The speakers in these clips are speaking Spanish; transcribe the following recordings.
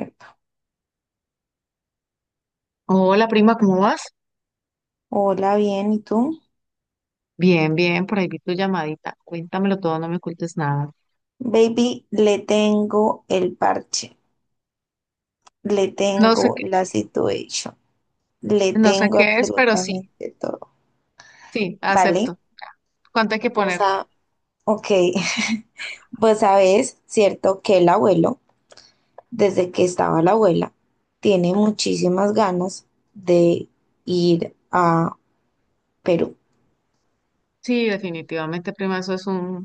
Epa. Hola prima, ¿cómo vas? Hola, bien, ¿y tú? Bien, bien, por ahí vi tu llamadita. Cuéntamelo todo, no me ocultes nada. Baby, le tengo el parche, le No tengo sé qué, la situation, le no sé tengo qué es, pero sí, absolutamente todo, sí, ¿vale? acepto. ¿Cuánto hay que O poner? sea, ok, pues sabes, cierto que el abuelo, desde que estaba la abuela, tiene muchísimas ganas de ir a Perú, Sí, definitivamente, prima, eso es un,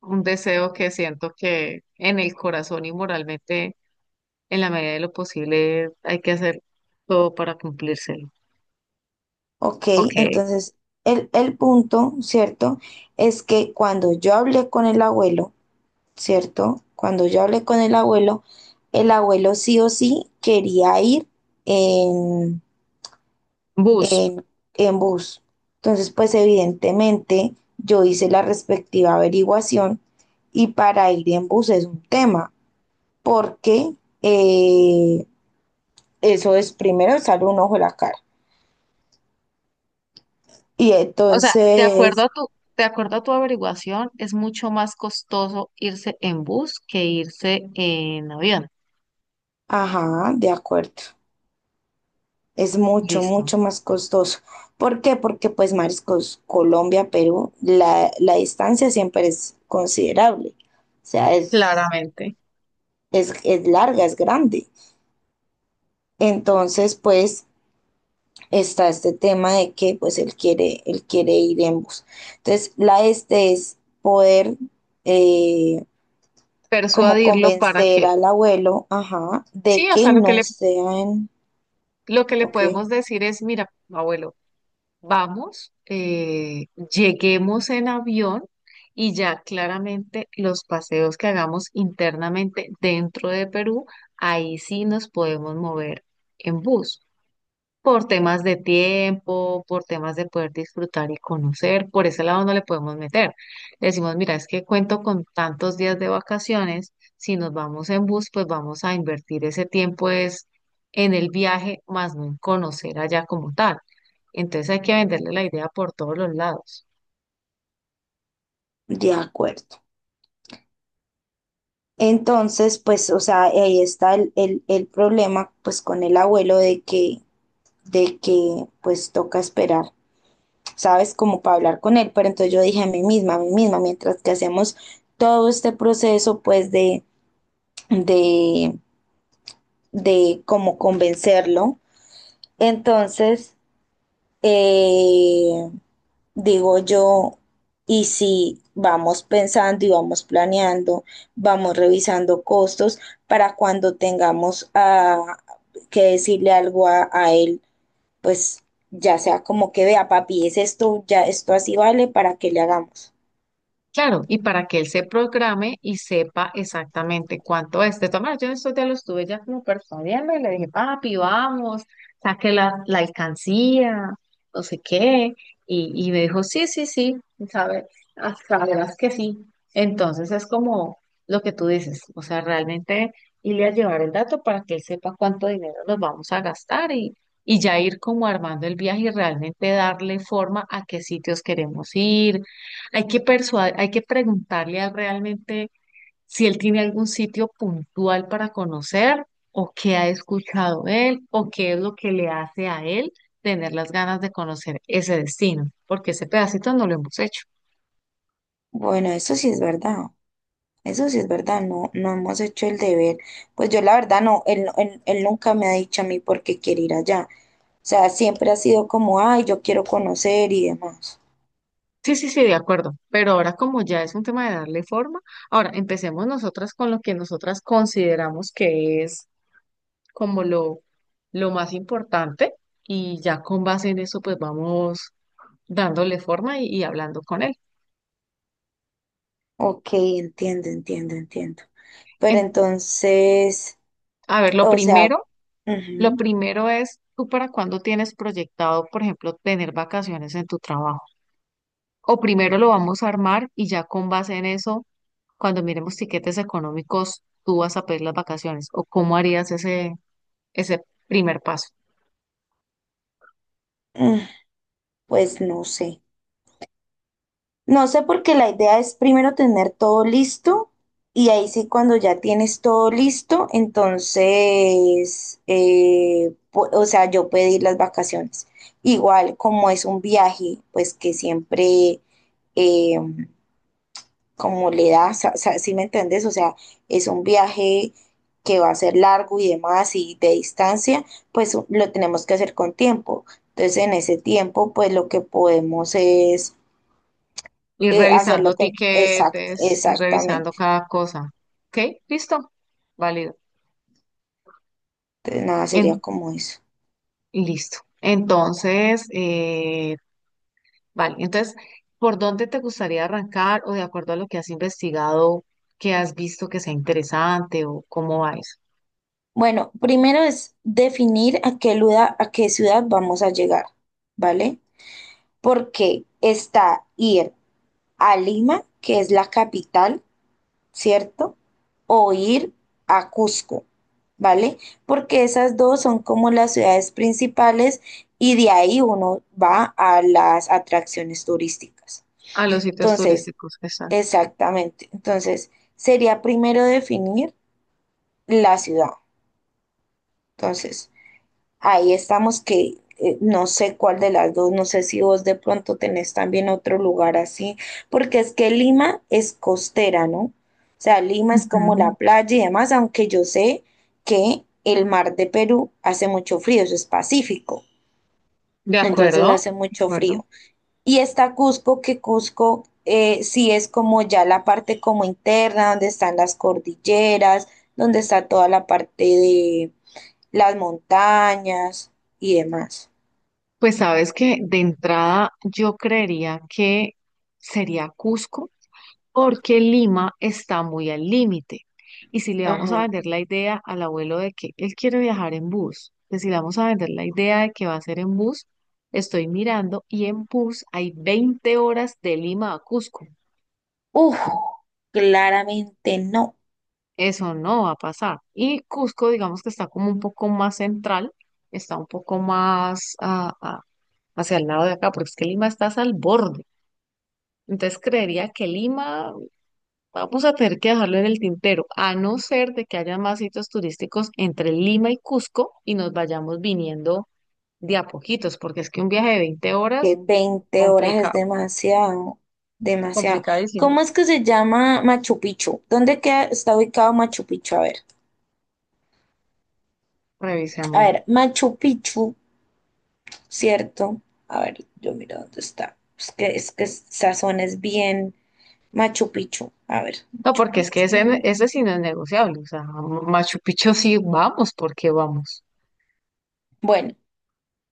un deseo que siento que en el corazón y moralmente, en la medida de lo posible, hay que hacer todo para cumplírselo. ¿ok? Ok, Entonces, el punto, ¿cierto? Es que cuando yo hablé con el abuelo, ¿cierto? Cuando yo hablé con el abuelo sí o sí quería ir en, bus. en, en bus. Entonces, pues evidentemente yo hice la respectiva averiguación y para ir en bus es un tema, porque eh, eso es primero sale un ojo de la cara. Y O sea, entonces, de acuerdo a tu averiguación, es mucho más costoso irse en bus que irse en avión. ajá, de acuerdo. Es mucho, Listo. mucho más costoso. ¿Por qué? Porque pues mariscos, Colombia, Perú, la distancia siempre es considerable. O sea, Claramente, es larga, es grande. Entonces, pues está este tema de que pues él quiere ir en bus. Entonces, la este es poder eh, como persuadirlo para convencer que, al abuelo, ajá, de sí, o que sea, no sean, lo que le ok, podemos decir es, mira, abuelo, vamos, lleguemos en avión y ya claramente los paseos que hagamos internamente dentro de Perú, ahí sí nos podemos mover en bus. Por temas de tiempo, por temas de poder disfrutar y conocer, por ese lado no le podemos meter. Le decimos, mira, es que cuento con tantos días de vacaciones, si nos vamos en bus, pues vamos a invertir ese tiempo es en el viaje, más no en conocer allá como tal. Entonces hay que venderle la idea por todos los lados. de acuerdo. Entonces, pues, o sea, ahí está el problema, pues, con el abuelo de que, pues, toca esperar, ¿sabes? Como para hablar con él. Pero entonces yo dije a mí misma, mientras que hacemos todo este proceso, pues, de, de cómo convencerlo. Entonces, eh, digo yo, y si vamos pensando y vamos planeando, vamos revisando costos para cuando tengamos ah, que decirle algo a él, pues ya sea como que vea, papi, es esto, ya esto así vale para que le hagamos. Claro, y para que él se programe y sepa exactamente cuánto es. De todas maneras, yo en estos días lo estuve ya como persuadiendo y le dije, papi, vamos, saque la alcancía, no sé qué. Y me dijo, sí, sí, sí. La verdad es que sí. Entonces es como lo que tú dices, o sea, realmente irle a llevar el dato para que él sepa cuánto dinero nos vamos a gastar y ya ir como armando el viaje y realmente darle forma a qué sitios queremos ir. Hay que hay que preguntarle a él realmente si él tiene algún sitio puntual para conocer o qué ha escuchado él o qué es lo que le hace a él tener las ganas de conocer ese destino, porque ese pedacito no lo hemos hecho. Bueno, eso sí es verdad. Eso sí es verdad, no, no hemos hecho el deber. Pues yo la verdad no, él nunca me ha dicho a mí por qué quiere ir allá. O sea, siempre ha sido como, ay, yo quiero conocer y demás. Sí, sí, sí, de acuerdo. Pero ahora como ya es un tema de darle forma, ahora empecemos nosotras con lo que nosotras consideramos que es como lo más importante y ya con base en eso pues vamos dándole forma y hablando con él. Ok, entiendo, entiendo, entiendo. Pero En- entonces, a ver, o sea, lo ujú, primero es tú para cuándo tienes proyectado, por ejemplo, tener vacaciones en tu trabajo. O primero lo vamos a armar y ya con base en eso, cuando miremos tiquetes económicos, tú vas a pedir las vacaciones. ¿O cómo harías ese primer paso? mm, pues no sé. No sé porque la idea es primero tener todo listo y ahí sí cuando ya tienes todo listo, entonces, o sea, yo pedir las vacaciones. Igual como es un viaje, pues que siempre, eh, como le da, o sea, ¿sí me entendés? O sea, es un viaje que va a ser largo y demás y de distancia, pues lo tenemos que hacer con tiempo. Entonces, en ese tiempo, pues lo que podemos es Ir revisando hacerlo con exacto, tiquetes, ir revisando exactamente. cada cosa. ¿Ok? ¿Listo? Válido. Entonces, nada, En- sería como eso. Listo. Entonces, vale. Entonces, ¿por dónde te gustaría arrancar o de acuerdo a lo que has investigado, que has visto que sea interesante o cómo va eso? Bueno, primero es definir a a qué ciudad vamos a llegar, ¿vale? Porque está ir a Lima, que es la capital, ¿cierto? O ir a Cusco, ¿vale? Porque esas dos son como las ciudades principales y de ahí uno va a las atracciones turísticas. A los sitios Entonces, turísticos que están. exactamente. Entonces, sería primero definir la ciudad. Entonces, ahí estamos que no sé cuál de las dos, no sé si vos de pronto tenés también otro lugar así, porque es que Lima es costera, ¿no? O sea, Lima es como Ujú. la playa y demás, aunque yo sé que el mar de Perú hace mucho frío, eso es Pacífico, De entonces acuerdo, hace de mucho acuerdo. frío. Y está Cusco, que Cusco sí es como ya la parte como interna, donde están las cordilleras, donde está toda la parte de las montañas y demás. Pues sabes que de entrada yo creería que sería Cusco porque Lima está muy al límite. Y si le vamos a Ajá. vender la idea al abuelo de que él quiere viajar en bus, que si le vamos a vender la idea de que va a ser en bus, estoy mirando y en bus hay 20 horas de Lima a Cusco. Uf, claramente no, Eso no va a pasar. Y Cusco, digamos que está como un poco más central, está un poco más hacia el lado de acá, porque es que Lima está al borde. Entonces creería que Lima vamos a tener que dejarlo en el tintero, a no ser de que haya más sitios turísticos entre Lima y Cusco y nos vayamos viniendo de a poquitos, porque es que un viaje de 20 horas que 20 horas complica, es demasiado, demasiado. complicadísimo. ¿Cómo es que se llama Machu Picchu? ¿Dónde queda, está ubicado Machu Picchu? A Revisémoslo. ver, Machu Picchu, ¿cierto? A ver, yo miro dónde está. Es que esa zona es bien Machu Picchu. A ver, No, Machu porque es que Picchu. ese sí no es negociable. O sea, Machu Picchu sí vamos, porque vamos. Bueno,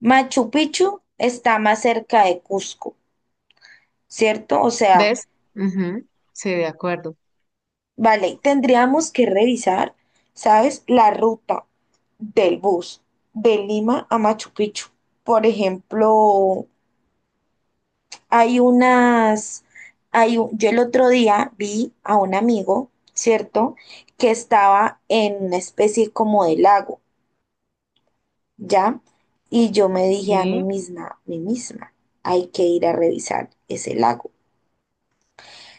Machu Picchu está más cerca de Cusco, ¿cierto? O sea, ¿Ves? Ujú. Sí, de acuerdo. vale, tendríamos que revisar, ¿sabes? La ruta del bus de Lima a Machu Picchu. Por ejemplo, hay unas, hay un- yo el otro día vi a un amigo, ¿cierto? Que estaba en una especie como de lago, ¿ya? Y yo me dije ¿Y a mí misma, hay que ir a revisar ese lago.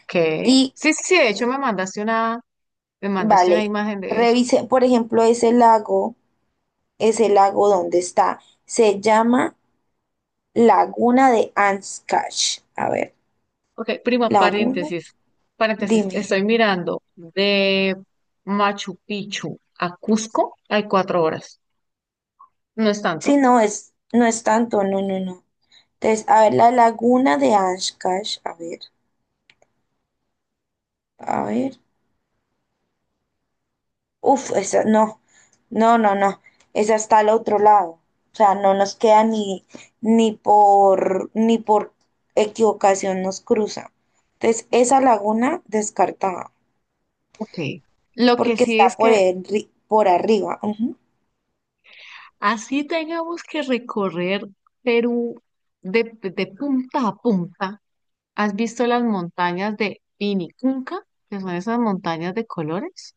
qué? Y, Sí, sí, sí, de hecho me mandaste una vale, imagen de eso. revisé, por ejemplo, ese lago. Es el lago donde está. Se llama Laguna de Ancash. A ver, Ok, prima, Laguna, paréntesis, paréntesis. dime. Estoy mirando de Machu Picchu a Cusco, hay 4 horas. No es Sí, tanto. no es, no es tanto, no, no, no. Entonces, a ver, la Laguna de Ancash, a ver, a ver. Uf, esa, no, no, no, no. Esa está al otro lado. O sea, no nos queda ni, ni por, ni por equivocación nos cruza. Entonces, esa laguna descartada, Ok. Lo que porque sí está es por, que por arriba. Ujú. así tengamos que recorrer Perú de punta a punta. ¿Has visto las montañas de Pinicunca? Que son esas montañas de colores.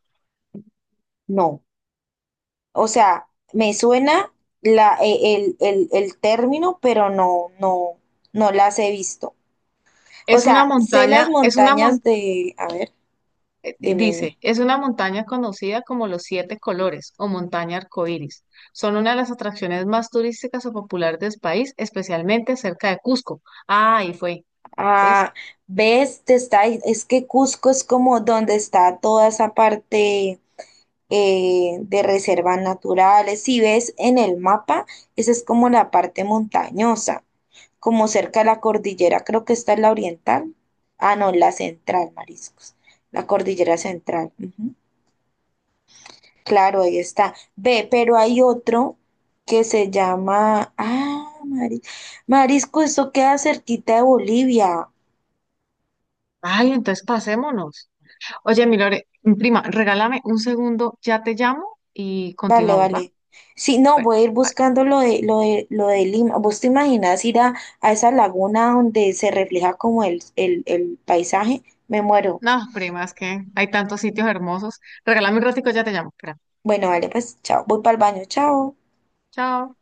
No. O sea, me suena la, el término, pero no, no, no las he visto. O sea, sé las Es una montañas montaña. de, a ver, dime, Dice, dime. es una montaña conocida como los Siete Colores o montaña arcoíris. Son una de las atracciones más turísticas o populares del país, especialmente cerca de Cusco. Ah, ahí fue, ¿ves? Ah, ves, te está, es que Cusco es como donde está toda esa parte de reservas naturales. Si ves en el mapa, esa es como la parte montañosa, como cerca de la cordillera, creo que está la oriental. Ah, no, la central, mariscos, la cordillera central. Ujú. Claro, ahí está. Ve, pero hay otro que se llama. Ah, Marisco. Marisco, esto queda cerquita de Bolivia. Ay, entonces pasémonos. Oye, mi Lore, mi prima, regálame un segundo, ya te llamo y Vale, continuamos, ¿va? vale. Sí, no, Bueno, voy a ir bye. buscando lo de, lo de, lo de Lima. ¿Vos te imaginas ir a esa laguna donde se refleja como el paisaje? Me muero. No, prima, es que hay tantos sitios hermosos. Regálame un ratico, ya te llamo. Espera. Bueno, vale, pues chao. Voy para el baño, chao. Chao.